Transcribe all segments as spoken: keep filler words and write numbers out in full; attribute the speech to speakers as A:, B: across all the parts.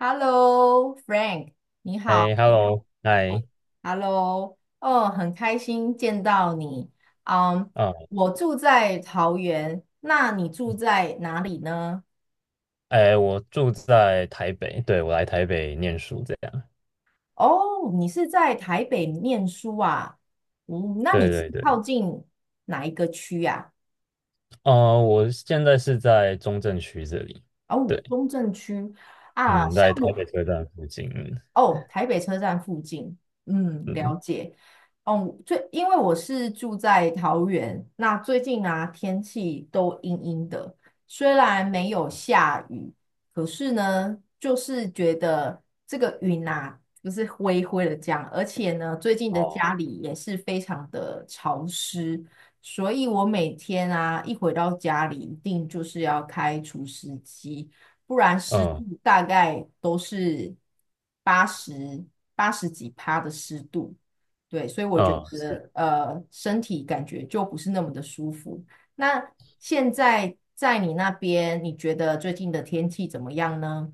A: Hello,Frank,你
B: 哎
A: 好。
B: ，Hello，嗨，
A: Hello,哦，很开心见到你。嗯，
B: 啊，
A: 我住在桃园，那你住在哪里呢？
B: 哎，我住在台北，对，我来台北念书，这样，
A: 哦，你是在台北念书啊？嗯，那
B: 对
A: 你是
B: 对对，
A: 靠近哪一个区呀、
B: 呃，我现在是在中正区这里，
A: 啊？哦，
B: 对，
A: 中正区啊，
B: 嗯，
A: 像
B: 在台
A: 我，
B: 北车站附近，嗯，
A: 哦，台北车站附近，嗯，
B: 嗯
A: 了解。哦，最因为我是住在桃园，那最近啊天气都阴阴的，虽然没有下雨，可是呢，就是觉得这个云啊就是灰灰的这样，而且呢，最近的家
B: 哦，
A: 里也是非常的潮湿，所以我每天啊一回到家里，一定就是要开除湿机。不然湿度
B: 嗯
A: 大概都是八十八十几趴的湿度，对，所以我觉
B: 嗯，
A: 得呃身体感觉就不是那么的舒服。那现在在你那边，你觉得最近的天气怎么样呢？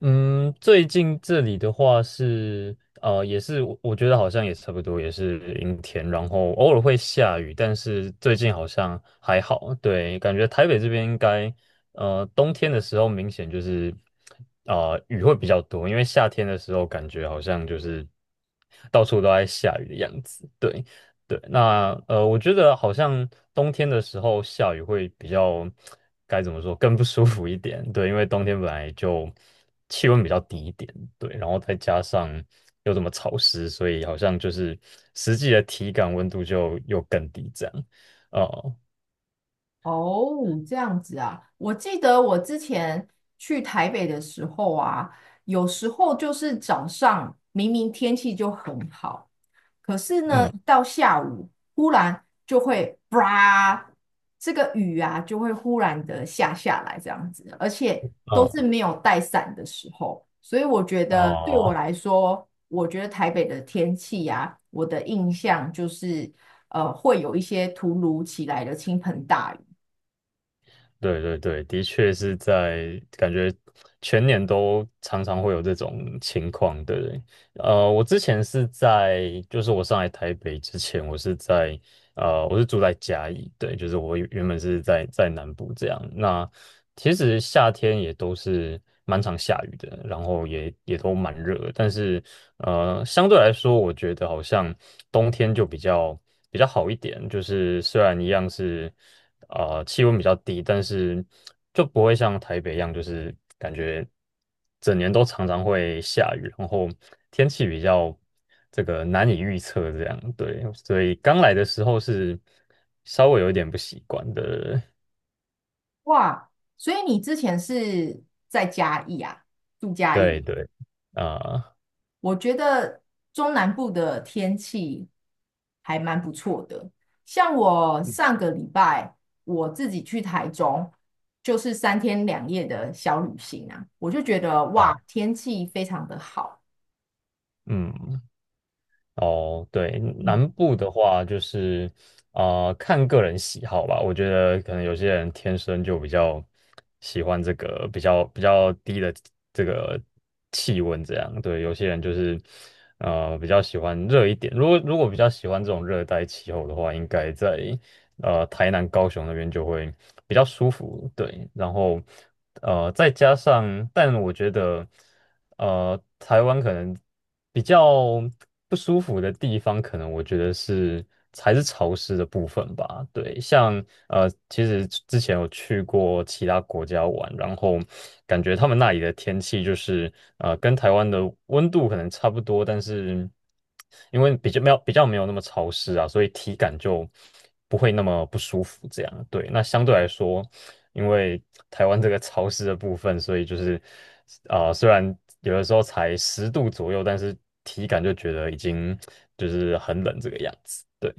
B: 嗯，最近这里的话是，呃，也是我我觉得好像也差不多，也是阴天，然后偶尔会下雨，但是最近好像还好。对，感觉台北这边应该，呃，冬天的时候明显就是，呃，雨会比较多，因为夏天的时候感觉好像就是到处都在下雨的样子。对。对，那呃，我觉得好像冬天的时候下雨会比较，该怎么说，更不舒服一点。对，因为冬天本来就气温比较低一点，对，然后再加上又这么潮湿，所以好像就是实际的体感温度就又更低这样。哦，
A: 哦，这样子啊，我记得我之前去台北的时候啊，有时候就是早上明明天气就很好。可是呢，
B: 嗯，
A: 一到下午忽然就会吧，这个雨啊就会忽然的下下来这样子，而且都是
B: 哦，
A: 没有带伞的时候，所以我觉得对我
B: 哦，
A: 来说，我觉得台北的天气啊，我的印象就是呃会有一些突如其来的倾盆大雨。
B: 对对对，的确是在感觉全年都常常会有这种情况的人。呃，我之前是在，就是我上来台北之前，我是在呃，我是住在嘉义，对，就是我原原本是在在南部这样。那其实夏天也都是蛮常下雨的，然后也也都蛮热的但是呃，相对来说，我觉得好像冬天就比较比较好一点，就是虽然一样是呃气温比较低，但是就不会像台北一样，就是感觉。整年都常常会下雨，然后天气比较这个难以预测，这样对，所以刚来的时候是稍微有一点不习惯的，
A: 哇，所以你之前是在嘉义啊，住嘉
B: 对
A: 义。
B: 对，啊、
A: 我觉得中南部的天气还蛮不错的。像我上个礼拜我自己去台中，就是三天两夜的小旅行啊，我就觉得哇，
B: 啊、
A: 天气非常的好。
B: 嗯。哦，对，南部的话就是，呃，看个人喜好吧。我觉得可能有些人天生就比较喜欢这个比较比较低的这个气温这样。对，有些人就是呃比较喜欢热一点。如果如果比较喜欢这种热带气候的话，应该在呃台南、高雄那边就会比较舒服。对，然后呃再加上，但我觉得。呃，台湾可能比较不舒服的地方，可能我觉得是还是潮湿的部分吧。对，像呃，其实之前有去过其他国家玩，然后感觉他们那里的天气就是呃，跟台湾的温度可能差不多，但是因为比较没有比较没有那么潮湿啊，所以体感就不会那么不舒服。这样，对，那相对来说。因为台湾这个潮湿的部分，所以就是啊、虽然有的时候才十度左右，但是体感就觉得已经就是很冷这个样子。对，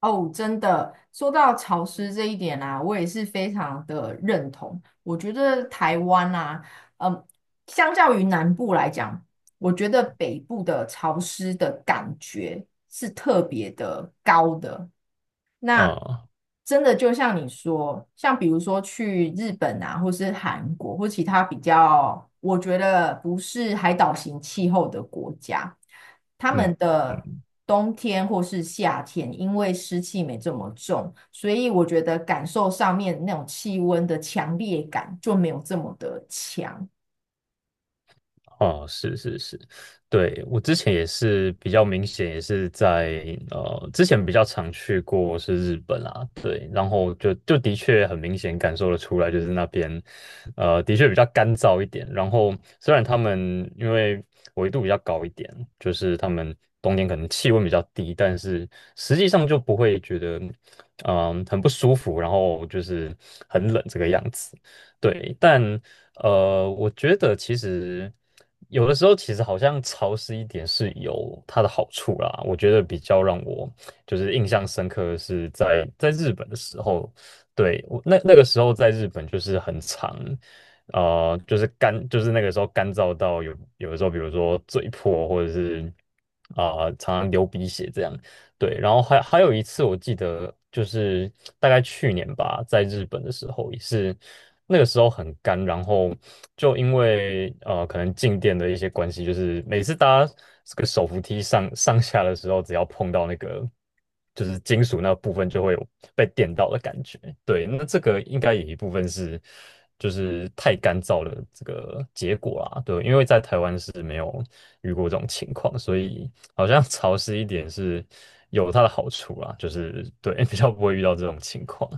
A: 哦，真的，说到潮湿这一点啊，我也是非常的认同。我觉得台湾啊，嗯，相较于南部来讲，我觉得北部的潮湿的感觉是特别的高的。那
B: 啊、
A: 真的就像你说，像比如说去日本啊，或是韩国，或其他比较我觉得不是海岛型气候的国家，他们
B: 嗯。
A: 的
B: 嗯。
A: 冬天或是夏天，因为湿气没这么重，所以我觉得感受上面那种气温的强烈感就没有这么的强。
B: 哦，是是是，对，我之前也是比较明显，也是在呃之前比较常去过是日本啊，对，然后就就的确很明显感受得出来，就是那边呃的确比较干燥一点。然后虽然他们因为纬度比较高一点，就是他们冬天可能气温比较低，但是实际上就不会觉得嗯、很不舒服，然后就是很冷这个样子。对，但呃，我觉得其实有的时候，其实好像潮湿一点是有它的好处啦。我觉得比较让我就是印象深刻的是在在日本的时候，对，我那那个时候在日本就是很长，呃，就是干，就是那个时候干燥到有有的时候，比如说嘴破或者是啊、常常流鼻血这样。对，然后还还有一次，我记得就是大概去年吧，在日本的时候也是，那个时候很干，然后就因为呃可能静电的一些关系，就是每次搭这个手扶梯上上下的时候，只要碰到那个就是金属那部分，就会有被电到的感觉。对，那这个应该有一部分是就是太干燥的这个结果啦。对，因为在台湾是没有遇过这种情况，所以。好像潮湿一点是有它的好处啦，就是对，比较不会遇到这种情况。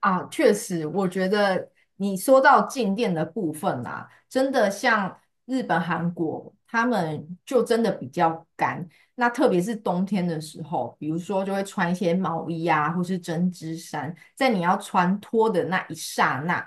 A: 啊，确实，我觉得你说到静电的部分啦，真的像日本、韩国，他们就真的比较干。那特别是冬天的时候，比如说就会穿一些毛衣啊，或是针织衫，在你要穿脱的那一刹那，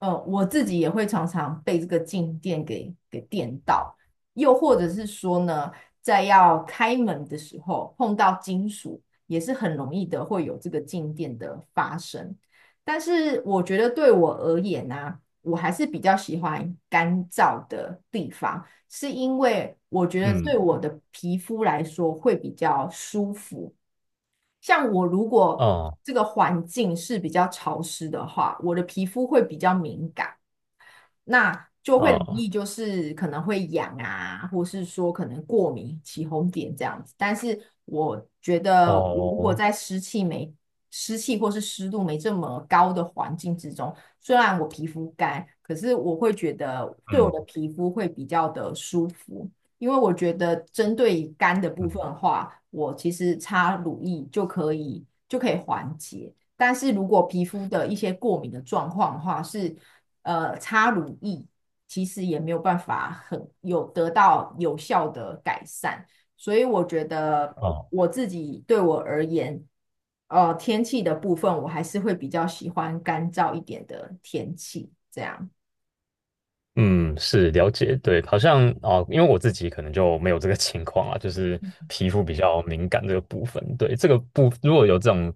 A: 呃，我自己也会常常被这个静电给给电到，又或者是说呢，在要开门的时候碰到金属，也是很容易的会有这个静电的发生。但是我觉得对我而言呢、啊我还是比较喜欢干燥的地方，是因为我觉得对
B: 嗯，
A: 我的皮肤来说会比较舒服。像我如果
B: 哦，
A: 这个环境是比较潮湿的话，我的皮肤会比较敏感。那就会容
B: 哦，
A: 易就是可能会痒啊，或是说可能过敏、起红点这样子。但是我觉得，如果
B: 哦，
A: 在湿气没湿气或是湿度没这么高的环境之中，虽然我皮肤干，可是我会觉得对我的
B: 嗯，
A: 皮肤会比较的舒服。因为我觉得针对于肝的部
B: 嗯，
A: 分的话，我其实擦乳液就可以就可以缓解。但是如果皮肤的一些过敏的状况的话，是呃擦乳液其实也没有办法很有得到有效的改善，所以我觉得
B: 哦，
A: 我自己对我而言，呃天气的部分我还是会比较喜欢干燥一点的天气，这样。
B: 嗯，是了解，对，好像哦，因为我自己可能就没有这个情况啊，就是皮肤比较敏感这个部分，对，这个部如果有这种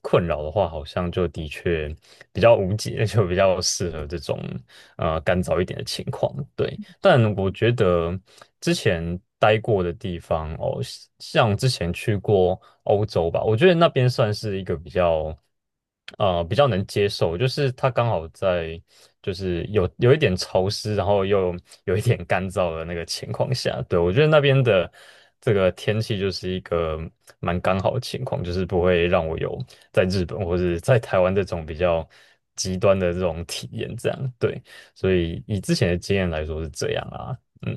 B: 困扰的话，好像就的确比较无解，就比较适合这种呃干燥一点的情况，对。但我觉得之前待过的地方哦，像之前去过欧洲吧，我觉得那边算是一个比较，呃，比较能接受，就是它刚好在就是有有一点潮湿，然后又有一点干燥的那个情况下，对，我觉得那边的这个天气就是一个蛮刚好的情况，就是不会让我有在日本或是在台湾这种比较极端的这种体验，这样，对。所以以之前的经验来说是这样啊，嗯，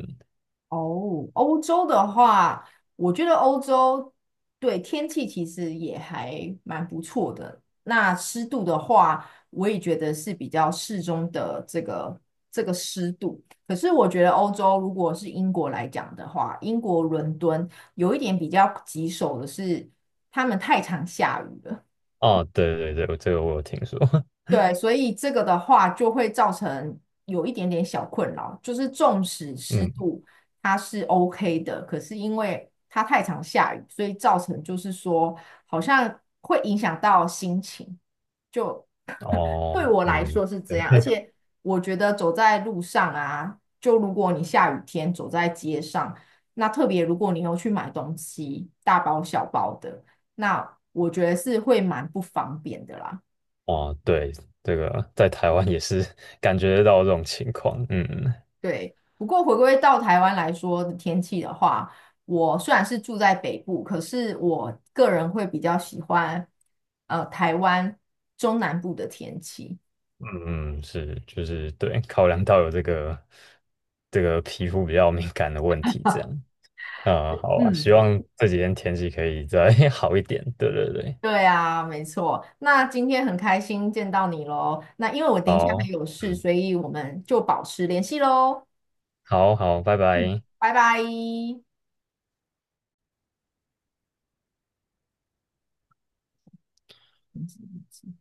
A: 哦，欧洲的话，我觉得欧洲对天气其实也还蛮不错的。那湿度的话，我也觉得是比较适中的这个这个湿度。可是我觉得欧洲如果是英国来讲的话，英国伦敦有一点比较棘手的是，他们太常下雨了。
B: 哦，对对对，这个我有听说，
A: 对，所以这个的话就会造成有一点点小困扰，就是纵使湿
B: 嗯，
A: 度它是 O K 的，可是因为它太常下雨，所以造成就是说好像会影响到心情，就
B: 哦，
A: 对我来
B: 嗯，
A: 说是这
B: 对，
A: 样。而 且我觉得走在路上啊，就如果你下雨天走在街上，那特别如果你有去买东西，大包小包的，那我觉得是会蛮不方便的啦。
B: 哦，对，这个在台湾也是 感觉得到这种情况，嗯
A: 对，不过回归到台湾来说的天气的话，我虽然是住在北部，可是我个人会比较喜欢呃台湾中南部的天气。
B: 嗯，是，就是对，考量到有这个这个皮肤比较敏感的问题，这 样，嗯，好啊，希
A: 嗯，
B: 望这几天天气可以再 好一点，对对对，
A: 对啊，没错。那今天很开心见到你喽。那因为我等一下还
B: 好，
A: 有事，
B: 嗯，
A: 所以我们就保持联系喽。
B: 好好，拜
A: 嗯，
B: 拜。
A: 拜拜。